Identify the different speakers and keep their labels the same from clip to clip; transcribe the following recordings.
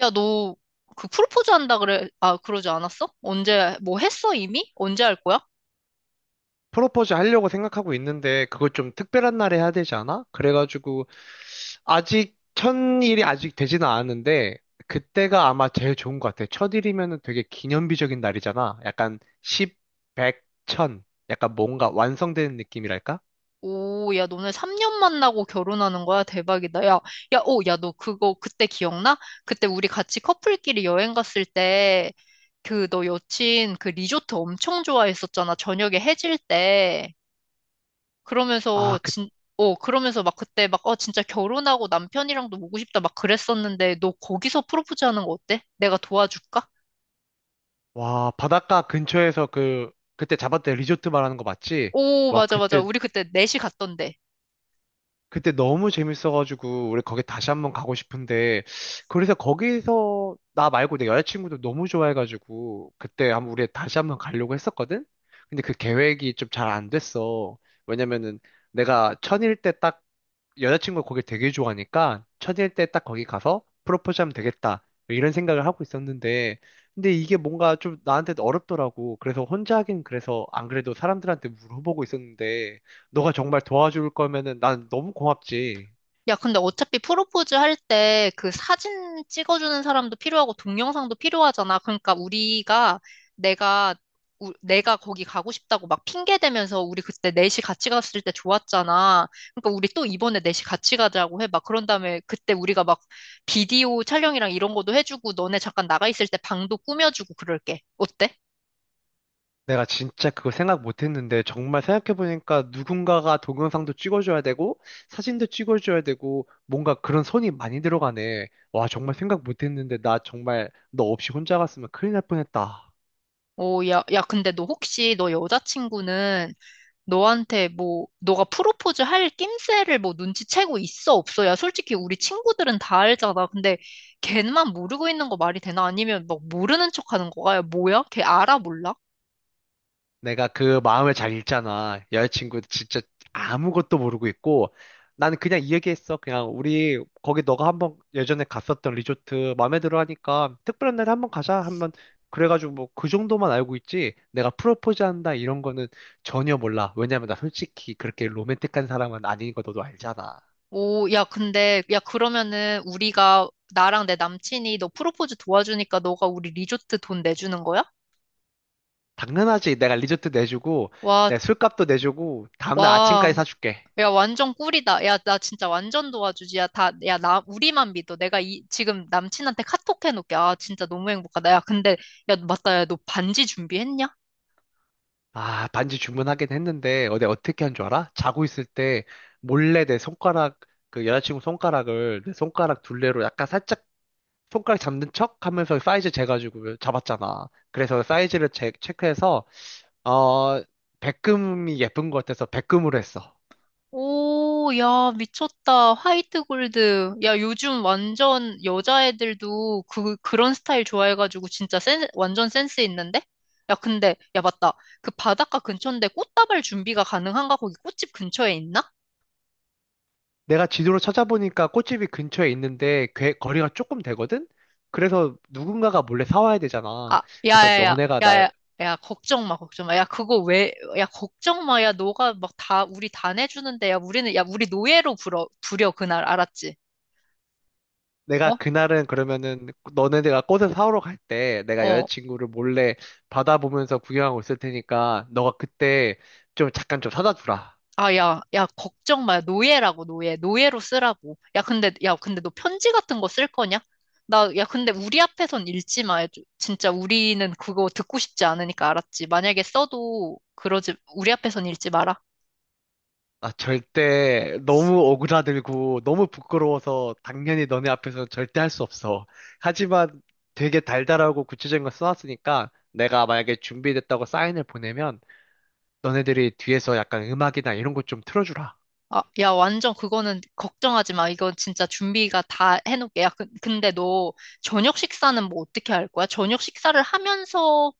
Speaker 1: 야, 너 그 프로포즈 한다 그래. 아, 그러지 않았어? 언제 뭐 했어 이미? 언제 할 거야?
Speaker 2: 프로포즈 하려고 생각하고 있는데 그걸 좀 특별한 날에 해야 되지 않아? 그래가지고 아직 첫일이 아직 되지는 않았는데 그때가 아마 제일 좋은 것 같아. 첫일이면은 되게 기념비적인 날이잖아. 약간 10, 100, 1000 약간 뭔가 완성되는 느낌이랄까?
Speaker 1: 오, 야, 너네 3년 만나고 결혼하는 거야? 대박이다. 야, 야, 오, 야, 너 그거 그때 기억나? 그때 우리 같이 커플끼리 여행 갔을 때 그 너 여친 그 리조트 엄청 좋아했었잖아. 저녁에 해질 때. 그러면서
Speaker 2: 아,
Speaker 1: 진 그러면서 막 그때 막, 진짜 결혼하고 남편이랑도 오고 싶다 막 그랬었는데, 너 거기서 프로포즈 하는 거 어때? 내가 도와줄까?
Speaker 2: 와, 바닷가 근처에서 그때 잡았던 리조트 말하는 거 맞지?
Speaker 1: 오,
Speaker 2: 와,
Speaker 1: 맞아, 맞아.
Speaker 2: 그때
Speaker 1: 우리 그때 넷이 갔던데.
Speaker 2: 그때 너무 재밌어가지고 우리 거기 다시 한번 가고 싶은데, 그래서 거기서 나 말고 내 여자친구도 너무 좋아해가지고 그때 한번 우리 다시 한번 가려고 했었거든? 근데 그 계획이 좀 잘 안 됐어. 왜냐면은 내가 천일 때딱 여자친구가 거기 되게 좋아하니까 첫일 때 딱 거기 가서 프로포즈하면 되겠다, 이런 생각을 하고 있었는데, 근데 이게 뭔가 좀 나한테 어렵더라고. 그래서 혼자 하긴 그래서 안 그래도 사람들한테 물어보고 있었는데, 너가 정말 도와줄 거면은 난 너무 고맙지.
Speaker 1: 야, 근데 어차피 프로포즈 할 때 그 사진 찍어주는 사람도 필요하고 동영상도 필요하잖아. 그러니까 우리가 내가, 내가 거기 가고 싶다고 막 핑계 대면서 우리 그때 넷이 같이 갔을 때 좋았잖아. 그러니까 우리 또 이번에 넷이 같이 가자고 해. 막 그런 다음에 그때 우리가 막 비디오 촬영이랑 이런 것도 해주고 너네 잠깐 나가 있을 때 방도 꾸며주고 그럴게. 어때?
Speaker 2: 내가 진짜 그거 생각 못 했는데, 정말 생각해보니까 누군가가 동영상도 찍어줘야 되고, 사진도 찍어줘야 되고, 뭔가 그런 손이 많이 들어가네. 와, 정말 생각 못 했는데, 나 정말 너 없이 혼자 갔으면 큰일 날 뻔했다.
Speaker 1: 오, 야, 야, 근데 너 혹시 너 여자친구는 너한테 뭐, 너가 프로포즈 할 낌새를 뭐 눈치채고 있어, 없어야 솔직히 우리 친구들은 다 알잖아. 근데 걔만 모르고 있는 거 말이 되나? 아니면 막 모르는 척 하는 거야? 야, 뭐야? 걔 알아, 몰라?
Speaker 2: 내가 그 마음을 잘 읽잖아. 여자친구도 진짜 아무것도 모르고 있고, 나는 그냥 이 얘기했어. 그냥 우리 거기 너가 한번 예전에 갔었던 리조트 마음에 들어 하니까 특별한 날에 한번 가자. 한번 그래가지고 뭐 그 정도만 알고 있지. 내가 프로포즈 한다 이런 거는 전혀 몰라. 왜냐면 나 솔직히 그렇게 로맨틱한 사람은 아닌 거 너도 알잖아.
Speaker 1: 오, 야, 근데, 야, 그러면은 우리가, 나랑 내 남친이 너 프로포즈 도와주니까 너가 우리 리조트 돈 내주는 거야?
Speaker 2: 당연하지. 내가 리조트 내주고,
Speaker 1: 와,
Speaker 2: 내 술값도 내주고, 다음날 아침까지
Speaker 1: 와,
Speaker 2: 사줄게.
Speaker 1: 야, 완전 꿀이다. 야, 나 진짜 완전 도와주지. 야, 다, 야, 나, 우리만 믿어. 내가 지금 남친한테 카톡 해놓을게. 아, 진짜 너무 행복하다. 야, 근데, 야, 맞다. 야, 너 반지 준비했냐?
Speaker 2: 아, 반지 주문하긴 했는데, 어제 어떻게 한 줄 알아? 자고 있을 때, 몰래 내 손가락, 그 여자친구 손가락을 내 손가락 둘레로 약간 살짝 손가락 잡는 척 하면서 사이즈 재가지고 잡았잖아. 그래서 사이즈를 체크해서, 어, 백금이 예쁜 것 같아서 백금으로 했어.
Speaker 1: 오, 야, 미쳤다. 화이트 골드. 야, 요즘 완전 여자애들도 그, 그런 스타일 좋아해가지고 진짜 완전 센스 있는데? 야, 근데, 야, 맞다. 그 바닷가 근처인데 꽃다발 준비가 가능한가? 거기 꽃집 근처에 있나?
Speaker 2: 내가 지도로 찾아보니까 꽃집이 근처에 있는데, 거리가 조금 되거든? 그래서 누군가가 몰래 사와야 되잖아.
Speaker 1: 아,
Speaker 2: 그래서
Speaker 1: 야야야,
Speaker 2: 너네가 날
Speaker 1: 야야, 야, 걱정 마, 걱정 마. 야, 그거 왜, 야, 걱정 마. 야, 너가 막 다, 우리 다 내주는데, 야, 우리는, 야, 우리 노예로 부려, 부려, 그날, 알았지?
Speaker 2: 내가
Speaker 1: 어?
Speaker 2: 그날은 그러면은 너네가 꽃을 사오러 갈 때 내가
Speaker 1: 어.
Speaker 2: 여자친구를 몰래 바다 보면서 구경하고 있을 테니까 너가 그때 좀 잠깐 좀 사다 주라.
Speaker 1: 아, 야, 야, 걱정 마. 노예라고, 노예. 노예로 쓰라고. 야, 근데, 야, 근데 너 편지 같은 거 쓸 거냐? 나, 야, 근데 우리 앞에선 읽지 마. 진짜 우리는 그거 듣고 싶지 않으니까, 알았지? 만약에 써도, 그러지, 우리 앞에선 읽지 마라.
Speaker 2: 아, 절대 너무 오그라들고 너무 부끄러워서 당연히 너네 앞에서 절대 할 수 없어. 하지만 되게 달달하고 구체적인 걸 써놨으니까 내가 만약에 준비됐다고 사인을 보내면 너네들이 뒤에서 약간 음악이나 이런 것 좀 틀어주라.
Speaker 1: 아, 야, 완전 그거는 걱정하지 마. 이건 진짜 준비가 다 해놓을게. 야, 근데 너 저녁 식사는 뭐 어떻게 할 거야? 저녁 식사를 하면서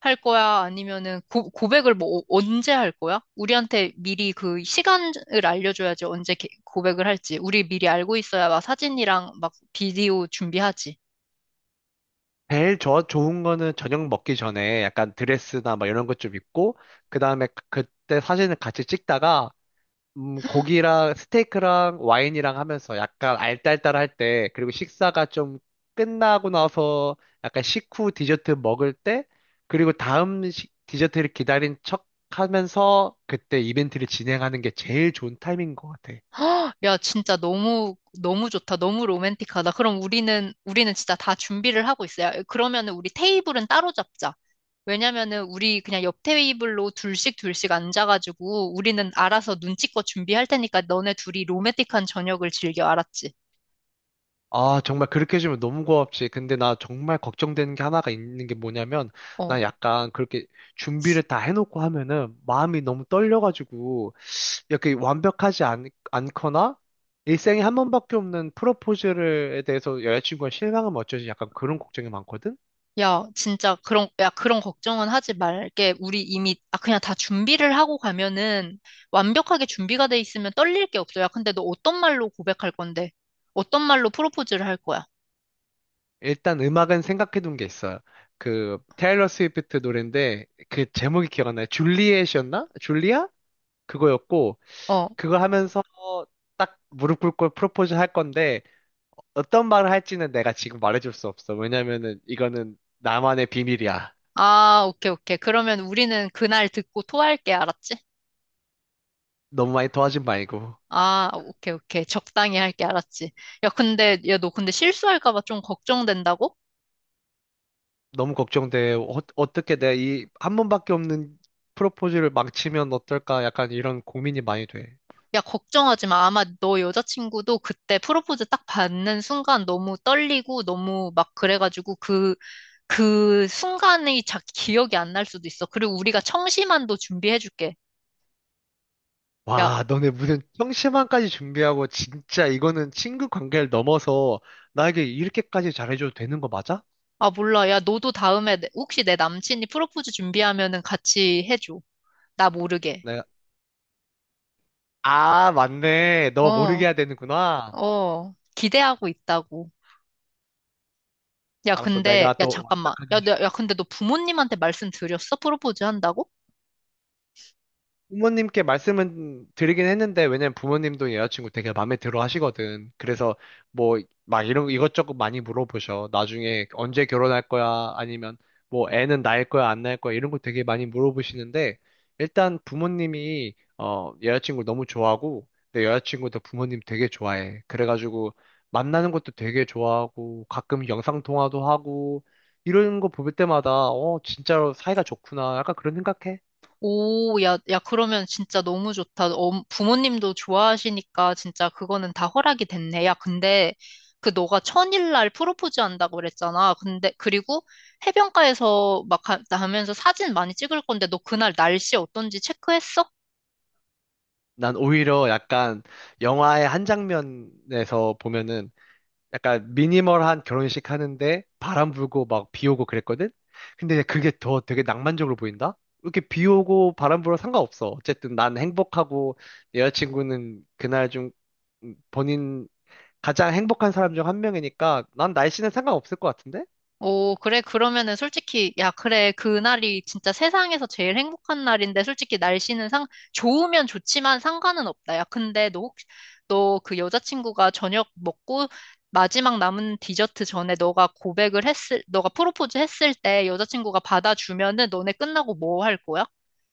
Speaker 1: 할 거야? 아니면은 고백을 뭐 언제 할 거야? 우리한테 미리 그 시간을 알려줘야지 언제 고백을 할지. 우리 미리 알고 있어야 막 사진이랑 막 비디오 준비하지.
Speaker 2: 제일 저 좋은 거는 저녁 먹기 전에 약간 드레스나 막 이런 것 좀 입고, 그 다음에 그, 그때 사진을 같이 찍다가 고기랑 스테이크랑 와인이랑 하면서 약간 알딸딸할 때, 그리고 식사가 좀 끝나고 나서 약간 식후 디저트 먹을 때, 그리고 다음 디저트를 기다린 척 하면서 그때 이벤트를 진행하는 게 제일 좋은 타이밍인 것 같아.
Speaker 1: 헉, 야, 진짜 너무, 너무 좋다. 너무 로맨틱하다. 그럼 우리는, 우리는 진짜 다 준비를 하고 있어요. 그러면은 우리 테이블은 따로 잡자. 왜냐면은 우리 그냥 옆 테이블로 둘씩 둘씩 앉아가지고 우리는 알아서 눈치껏 준비할 테니까 너네 둘이 로맨틱한 저녁을 즐겨, 알았지?
Speaker 2: 아, 정말 그렇게 해주면 너무 고맙지. 근데 나 정말 걱정되는 게 하나가 있는 게 뭐냐면, 나
Speaker 1: 어.
Speaker 2: 약간 그렇게 준비를 다 해놓고 하면은 마음이 너무 떨려가지고, 이렇게 완벽하지 않거나, 일생에 한 번밖에 없는 프로포즈에 대해서 여자친구가 실망하면 어쩌지? 약간 그런 걱정이 많거든?
Speaker 1: 야, 진짜 그런, 야, 그런 걱정은 하지 말게. 우리 이미, 아, 그냥 다 준비를 하고 가면은 완벽하게 준비가 돼 있으면 떨릴 게 없어. 야, 근데 너 어떤 말로 고백할 건데? 어떤 말로 프로포즈를 할 거야?
Speaker 2: 일단 음악은 생각해둔 게 있어요. 그, 테일러 스위프트 노래인데, 그 제목이 기억나요? 줄리엣이었나? 줄리아? 그거였고,
Speaker 1: 어.
Speaker 2: 그거 하면서 딱 무릎 꿇고 프로포즈 할 건데 어떤 말을 할지는 내가 지금 말해줄 수 없어. 왜냐면은 이거는 나만의 비밀이야.
Speaker 1: 아, 오케이, 오케이. 그러면 우리는 그날 듣고 토할게, 알았지?
Speaker 2: 너무 많이 도와준 말고.
Speaker 1: 아, 오케이, 오케이. 적당히 할게, 알았지? 야, 근데, 야, 너 근데 실수할까 봐 좀 걱정된다고?
Speaker 2: 너무 걱정돼. 떻게 내가 이 한 번밖에 없는 프로포즈를 망치면 어떨까? 약간 이런 고민이 많이 돼.
Speaker 1: 야, 걱정하지 마. 아마 너 여자친구도 그때 프로포즈 딱 받는 순간 너무 떨리고 너무 막 그래가지고 그, 그 순간이 기억이 안 날 수도 있어. 그리고 우리가 청심환도 준비해줄게. 야,
Speaker 2: 와, 너네 무슨 형식만까지 준비하고 진짜 이거는 친구 관계를 넘어서 나에게 이렇게까지 잘해줘도 되는 거 맞아?
Speaker 1: 아, 몰라. 야, 너도 다음에 혹시 내 남친이 프로포즈 준비하면은 같이 해줘. 나 모르게.
Speaker 2: 내가 아, 맞네. 너
Speaker 1: 어.
Speaker 2: 모르게 해야 되는구나.
Speaker 1: 어, 기대하고 있다고. 야,
Speaker 2: 알았어.
Speaker 1: 근데,
Speaker 2: 내가
Speaker 1: 야,
Speaker 2: 또
Speaker 1: 잠깐만. 야, 너, 야, 근데 너 부모님한테 말씀드렸어? 프로포즈 한다고?
Speaker 2: 부모님께 말씀은 드리긴 했는데, 왜냐면 부모님도 여자친구 되게 마음에 들어 하시거든. 그래서 뭐, 막 이런, 이것저것 많이 물어보셔. 나중에 언제 결혼할 거야? 아니면 뭐, 애는 낳을 거야? 안 낳을 거야? 이런 거 되게 많이 물어보시는데, 일단 부모님이, 어, 여자친구 너무 좋아하고, 내 여자친구도 부모님 되게 좋아해. 그래가지고, 만나는 것도 되게 좋아하고, 가끔 영상통화도 하고, 이런 거 볼 때마다, 어, 진짜로 사이가 좋구나. 약간 그런 생각해.
Speaker 1: 오, 야, 야, 그러면 진짜 너무 좋다. 어, 부모님도 좋아하시니까 진짜 그거는 다 허락이 됐네. 야, 근데 그 너가 1000일날 프로포즈 한다고 그랬잖아. 근데, 그리고 해변가에서 막 하면서 사진 많이 찍을 건데 너 그날 날씨 어떤지 체크했어?
Speaker 2: 난 오히려 약간 영화의 한 장면에서 보면은 약간 미니멀한 결혼식 하는데 바람 불고 막 비 오고 그랬거든? 근데 그게 더 되게 낭만적으로 보인다? 이렇게 비 오고 바람 불어 상관없어. 어쨌든 난 행복하고 내 여자친구는 그날 좀 본인 가장 행복한 사람 중 한 명이니까 난 날씨는 상관없을 것 같은데?
Speaker 1: 오, 그래. 그러면은 솔직히, 야, 그래. 그날이 진짜 세상에서 제일 행복한 날인데, 솔직히 날씨는 좋으면 좋지만 상관은 없다. 야, 근데 너 혹시, 너 그 여자친구가 저녁 먹고 마지막 남은 디저트 전에 너가 고백을 했을, 너가 프로포즈 했을 때 여자친구가 받아주면은 너네 끝나고 뭐 할 거야?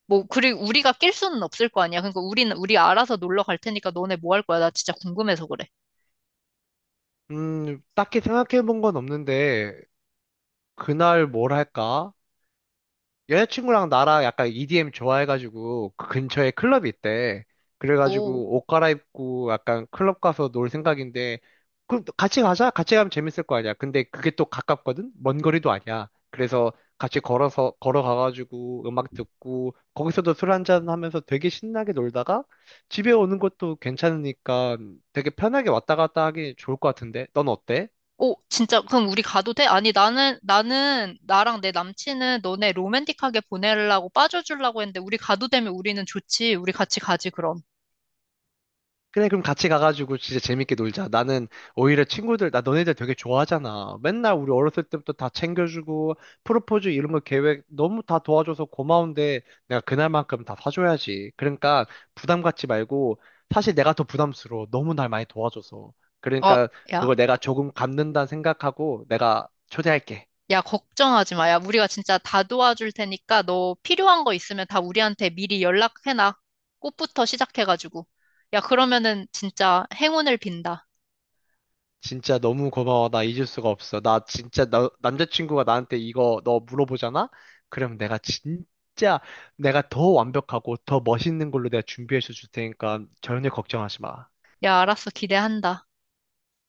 Speaker 1: 뭐, 그리고 우리가 낄 수는 없을 거 아니야. 그러니까 우리는, 우리 알아서 놀러 갈 테니까 너네 뭐 할 거야? 나 진짜 궁금해서 그래.
Speaker 2: 딱히 생각해 본 건 없는데 그날 뭘 할까? 여자친구랑 나랑 약간 EDM 좋아해가지고 그 근처에 클럽이 있대.
Speaker 1: 오.
Speaker 2: 그래가지고 옷 갈아입고 약간 클럽 가서 놀 생각인데 그럼 또 같이 가자. 같이 가면 재밌을 거 아니야. 근데 그게 또 가깝거든. 먼 거리도 아니야. 그래서 같이 걸어서 걸어가가지고 음악 듣고 거기서도 술 한잔 하면서 되게 신나게 놀다가 집에 오는 것도 괜찮으니까 되게 편하게 왔다 갔다 하기 좋을 것 같은데. 넌 어때?
Speaker 1: 오, 진짜, 그럼 우리 가도 돼? 아니, 나는, 나랑 내 남친은 너네 로맨틱하게 보내려고 빠져주려고 했는데, 우리 가도 되면 우리는 좋지. 우리 같이 가지, 그럼.
Speaker 2: 그래, 그럼 같이 가가지고 진짜 재밌게 놀자. 나는 오히려 친구들, 나 너네들 되게 좋아하잖아. 맨날 우리 어렸을 때부터 다 챙겨주고, 프로포즈 이런 거 계획 너무 다 도와줘서 고마운데, 내가 그날만큼 다 사줘야지. 그러니까 부담 갖지 말고, 사실 내가 더 부담스러워. 너무 날 많이 도와줘서.
Speaker 1: 어,
Speaker 2: 그러니까
Speaker 1: 야,
Speaker 2: 그걸 내가 조금 갚는다 생각하고, 내가 초대할게.
Speaker 1: 야, 걱정하지 마. 야, 우리가 진짜 다 도와줄 테니까 너 필요한 거 있으면 다 우리한테 미리 연락해놔. 꽃부터 시작해가지고. 야, 그러면은 진짜 행운을 빈다.
Speaker 2: 진짜 너무 고마워. 나 잊을 수가 없어. 나 진짜 남자친구가 나한테 이거 너 물어보잖아? 그럼 내가 진짜 내가 더 완벽하고 더 멋있는 걸로 내가 준비해서 줄 테니까 전혀 걱정하지 마.
Speaker 1: 야, 알았어. 기대한다.